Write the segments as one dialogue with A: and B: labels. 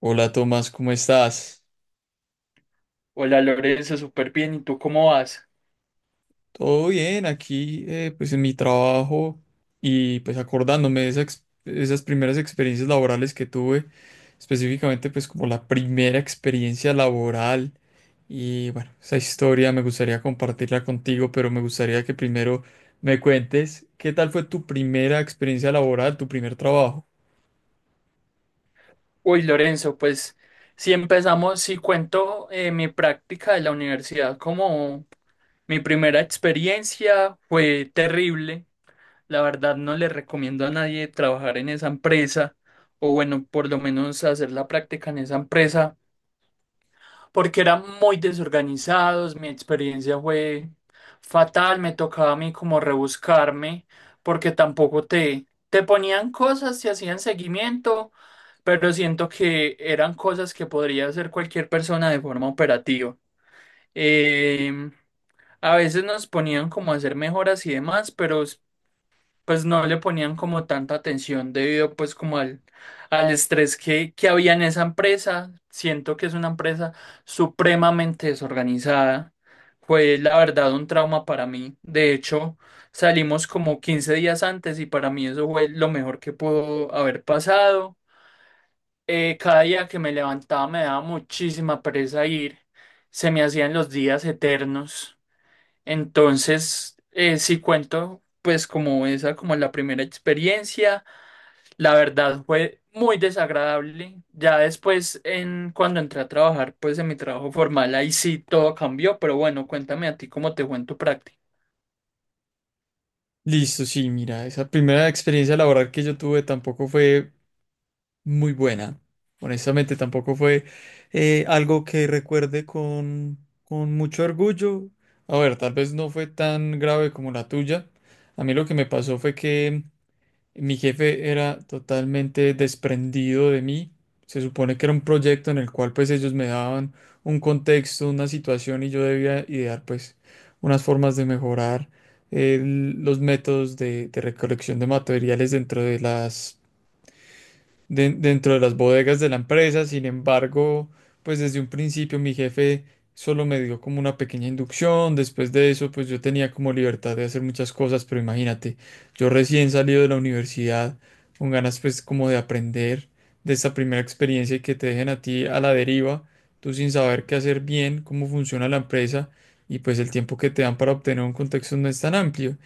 A: Hola Tomás, ¿cómo estás?
B: Hola Lorenzo, súper bien. ¿Y tú cómo vas?
A: Todo bien, aquí pues en mi trabajo y pues acordándome de esas primeras experiencias laborales que tuve, específicamente pues como la primera experiencia laboral y bueno, esa historia me gustaría compartirla contigo, pero me gustaría que primero me cuentes qué tal fue tu primera experiencia laboral, tu primer trabajo.
B: Uy, Lorenzo, pues si cuento mi práctica de la universidad como mi primera experiencia fue terrible. La verdad no le recomiendo a nadie trabajar en esa empresa o bueno, por lo menos hacer la práctica en esa empresa porque eran muy desorganizados, mi experiencia fue fatal, me tocaba a mí como rebuscarme, porque tampoco te ponían cosas, te hacían seguimiento, pero siento que eran cosas que podría hacer cualquier persona de forma operativa. Em, a veces nos ponían como a hacer mejoras y demás, pero pues no le ponían como tanta atención debido pues como al estrés que había en esa empresa. Siento que es una empresa supremamente desorganizada. Fue la verdad un trauma para mí. De hecho, salimos como 15 días antes y para mí eso fue lo mejor que pudo haber pasado. Cada día que me levantaba me daba muchísima pereza ir. Se me hacían los días eternos. Entonces, sí cuento, pues como esa, como la primera experiencia, la verdad fue muy desagradable. Ya después, cuando entré a trabajar, pues en mi trabajo formal, ahí sí todo cambió, pero bueno, cuéntame a ti cómo te fue en tu práctica.
A: Listo, sí, mira, esa primera experiencia laboral que yo tuve tampoco fue muy buena. Honestamente, tampoco fue algo que recuerde con mucho orgullo. A ver, tal vez no fue tan grave como la tuya. A mí lo que me pasó fue que mi jefe era totalmente desprendido de mí. Se supone que era un proyecto en el cual pues ellos me daban un contexto, una situación y yo debía idear pues unas formas de mejorar los métodos de recolección de materiales dentro de dentro de las bodegas de la empresa. Sin embargo, pues desde un principio mi jefe solo me dio como una pequeña inducción. Después de eso, pues yo tenía como libertad de hacer muchas cosas, pero imagínate, yo recién salido de la universidad, con ganas pues como de aprender de esta primera experiencia y que te dejen a ti a la deriva, tú sin saber qué hacer bien, cómo funciona la empresa y pues el tiempo que te dan para obtener un contexto no es tan amplio.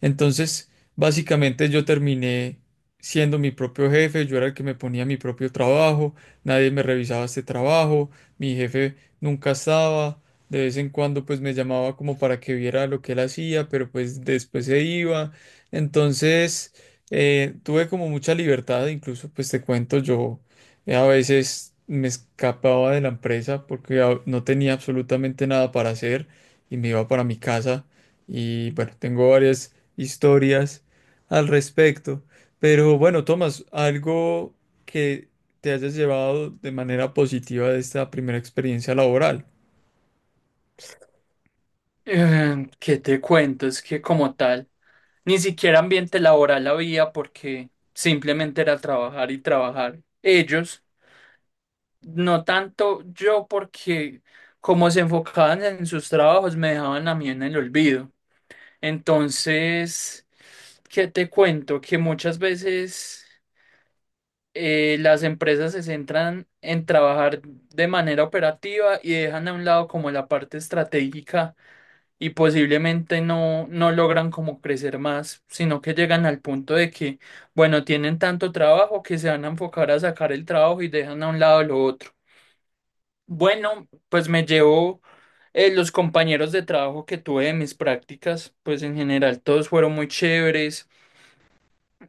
A: Entonces, básicamente yo terminé siendo mi propio jefe, yo era el que me ponía mi propio trabajo, nadie me revisaba este trabajo, mi jefe nunca estaba, de vez en cuando pues me llamaba como para que viera lo que él hacía, pero pues después se iba. Entonces, tuve como mucha libertad, incluso pues te cuento, yo a veces me escapaba de la empresa porque no tenía absolutamente nada para hacer y me iba para mi casa. Y bueno, tengo varias historias al respecto. Pero bueno, Tomás, algo que te hayas llevado de manera positiva de esta primera experiencia laboral.
B: ¿Qué te cuento? Es que como tal, ni siquiera ambiente laboral había porque simplemente era trabajar y trabajar. Ellos. No tanto yo porque como se enfocaban en sus trabajos me dejaban a mí en el olvido. Entonces, ¿qué te cuento? Que muchas veces las empresas se centran en trabajar de manera operativa y dejan a un lado como la parte estratégica y posiblemente no logran como crecer más, sino que llegan al punto de que, bueno, tienen tanto trabajo que se van a enfocar a sacar el trabajo y dejan a un lado lo otro. Bueno, pues me llevo los compañeros de trabajo que tuve de mis prácticas, pues en general todos fueron muy chéveres,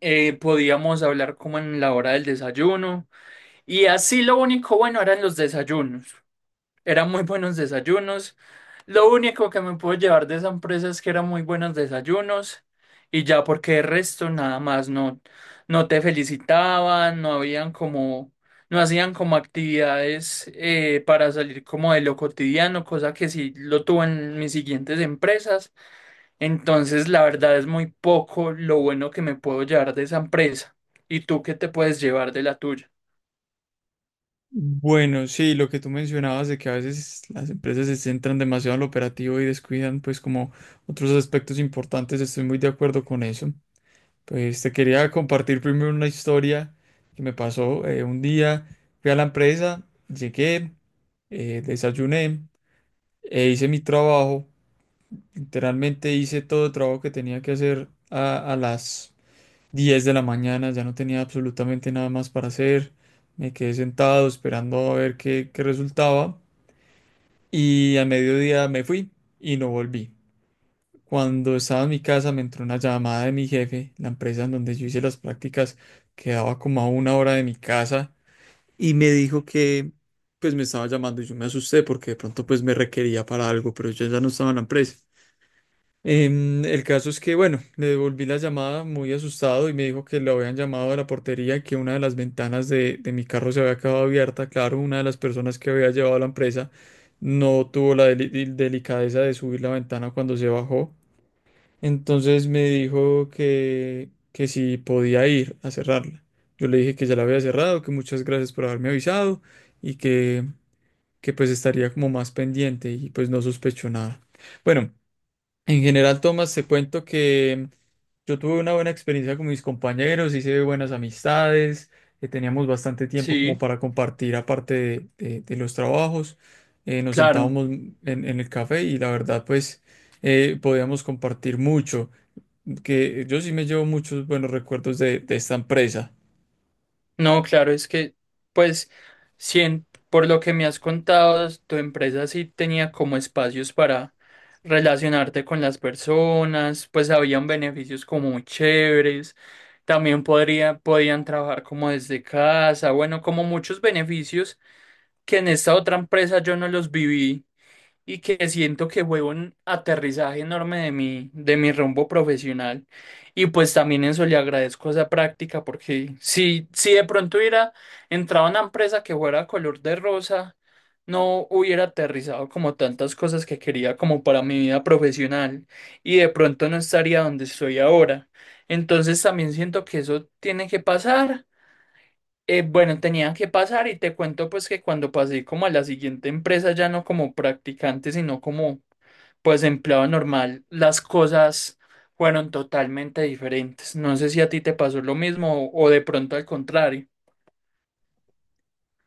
B: podíamos hablar como en la hora del desayuno y así lo único bueno eran los desayunos. Eran muy buenos desayunos. Lo único que me puedo llevar de esa empresa es que eran muy buenos desayunos y ya porque el resto nada más no te felicitaban, no habían como, no hacían como actividades para salir como de lo cotidiano, cosa que sí lo tuve en mis siguientes empresas. Entonces la verdad es muy poco lo bueno que me puedo llevar de esa empresa. ¿Y tú qué te puedes llevar de la tuya?
A: Bueno, sí, lo que tú mencionabas de que a veces las empresas se centran demasiado en lo operativo y descuidan pues como otros aspectos importantes, estoy muy de acuerdo con eso. Pues te quería compartir primero una historia que me pasó un día, fui a la empresa, llegué, desayuné e hice mi trabajo. Literalmente hice todo el trabajo que tenía que hacer a las 10 de la mañana, ya no tenía absolutamente nada más para hacer. Me quedé sentado esperando a ver qué resultaba y a mediodía me fui y no volví. Cuando estaba en mi casa me entró una llamada de mi jefe, la empresa en donde yo hice las prácticas quedaba como a una hora de mi casa y me dijo que pues me estaba llamando y yo me asusté porque de pronto pues me requería para algo, pero yo ya no estaba en la empresa. El caso es que, bueno, le devolví la llamada muy asustado y me dijo que lo habían llamado a la portería y que una de las ventanas de mi carro se había quedado abierta. Claro, una de las personas que había llevado a la empresa no tuvo la delicadeza de subir la ventana cuando se bajó. Entonces me dijo que si podía ir a cerrarla. Yo le dije que ya la había cerrado, que muchas gracias por haberme avisado y que pues estaría como más pendiente y pues no sospechó nada. Bueno. En general, Tomás, te cuento que yo tuve una buena experiencia con mis compañeros, hice buenas amistades, teníamos bastante tiempo como
B: Sí,
A: para compartir aparte de los trabajos, nos
B: claro.
A: sentábamos en el café y la verdad pues podíamos compartir mucho, que yo sí me llevo muchos buenos recuerdos de esta empresa.
B: No, claro, es que, pues, si en- por lo que me has contado, tu empresa sí tenía como espacios para relacionarte con las personas, pues habían beneficios como muy chéveres, también podían trabajar como desde casa, bueno, como muchos beneficios que en esta otra empresa yo no los viví y que siento que fue un aterrizaje enorme de de mi rumbo profesional. Y pues también eso le agradezco esa práctica, porque si de pronto hubiera entrado a una empresa que fuera color de rosa, no hubiera aterrizado como tantas cosas que quería como para mi vida profesional y de pronto no estaría donde estoy ahora. Entonces también siento que eso tiene que pasar. Bueno, tenían que pasar y te cuento pues que cuando pasé como a la siguiente empresa, ya no como practicante, sino como pues empleado normal, las cosas fueron totalmente diferentes. No sé si a ti te pasó lo mismo o de pronto al contrario.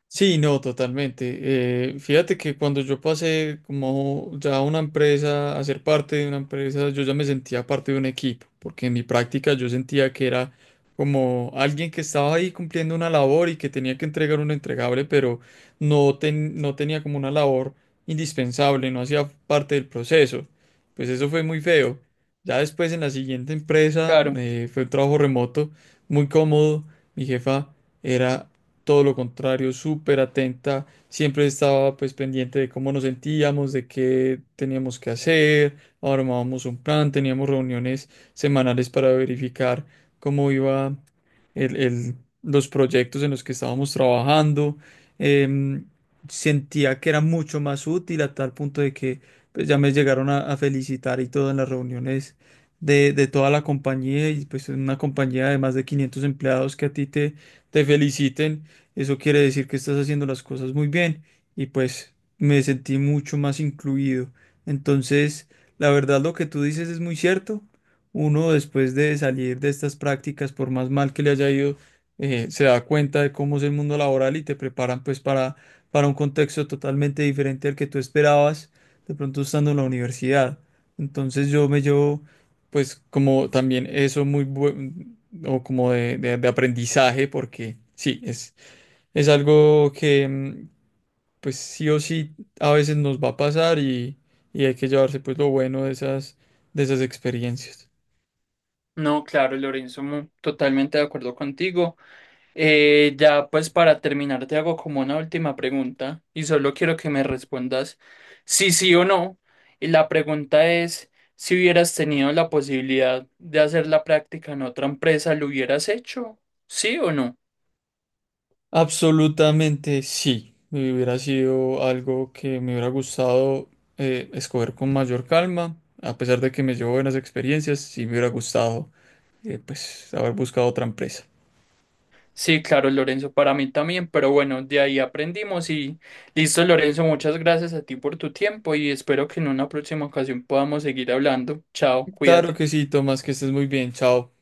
A: Sí, no, totalmente. Fíjate que cuando yo pasé como ya a una empresa, a ser parte de una empresa, yo ya me sentía parte de un equipo, porque en mi práctica yo sentía que era como alguien que estaba ahí cumpliendo una labor y que tenía que entregar un entregable, pero no, no tenía como una labor indispensable, no hacía parte del proceso. Pues eso fue muy feo. Ya después en la siguiente empresa
B: Claro,
A: fue un trabajo remoto, muy cómodo. Mi jefa era todo lo contrario, súper atenta, siempre estaba pues pendiente de cómo nos sentíamos, de qué teníamos que hacer, armábamos un plan, teníamos reuniones semanales para verificar cómo iba el- el- los proyectos en los que estábamos trabajando. Em, Sentía que era mucho más útil a tal punto de que pues, ya me llegaron a felicitar y todo en las reuniones de toda la compañía y pues en una compañía de más de 500 empleados que a ti te feliciten eso quiere decir que estás haciendo las cosas muy bien y pues me sentí mucho más incluido. Entonces, la verdad lo que tú dices es muy cierto. Uno después de salir de estas prácticas, por más mal que le haya ido, se da cuenta de cómo es el mundo laboral y te preparan pues para un contexto totalmente diferente al que tú esperabas de pronto estando en la universidad. Entonces yo me llevo pues como también eso muy bueno o como de aprendizaje porque sí, es. Es algo que, pues sí o sí, a veces nos va a pasar y hay que llevarse pues lo bueno de de esas experiencias.
B: no, claro, Lorenzo, totalmente de acuerdo contigo. Ya pues para terminar te hago como una última pregunta y solo quiero que me respondas si sí o no. Y la pregunta es, si hubieras tenido la posibilidad de hacer la práctica en otra empresa, ¿lo hubieras hecho? ¿Sí o no?
A: Absolutamente sí. Y hubiera sido algo que me hubiera gustado escoger con mayor calma, a pesar de que me llevo buenas experiencias, sí me hubiera gustado pues haber buscado otra empresa.
B: Sí, claro, Lorenzo, para mí también, pero bueno, de ahí aprendimos y listo, Lorenzo, muchas gracias a ti por tu tiempo y espero que en una próxima ocasión podamos seguir hablando. Chao,
A: Claro que
B: cuídate.
A: sí, Tomás, que estés muy bien. Chao.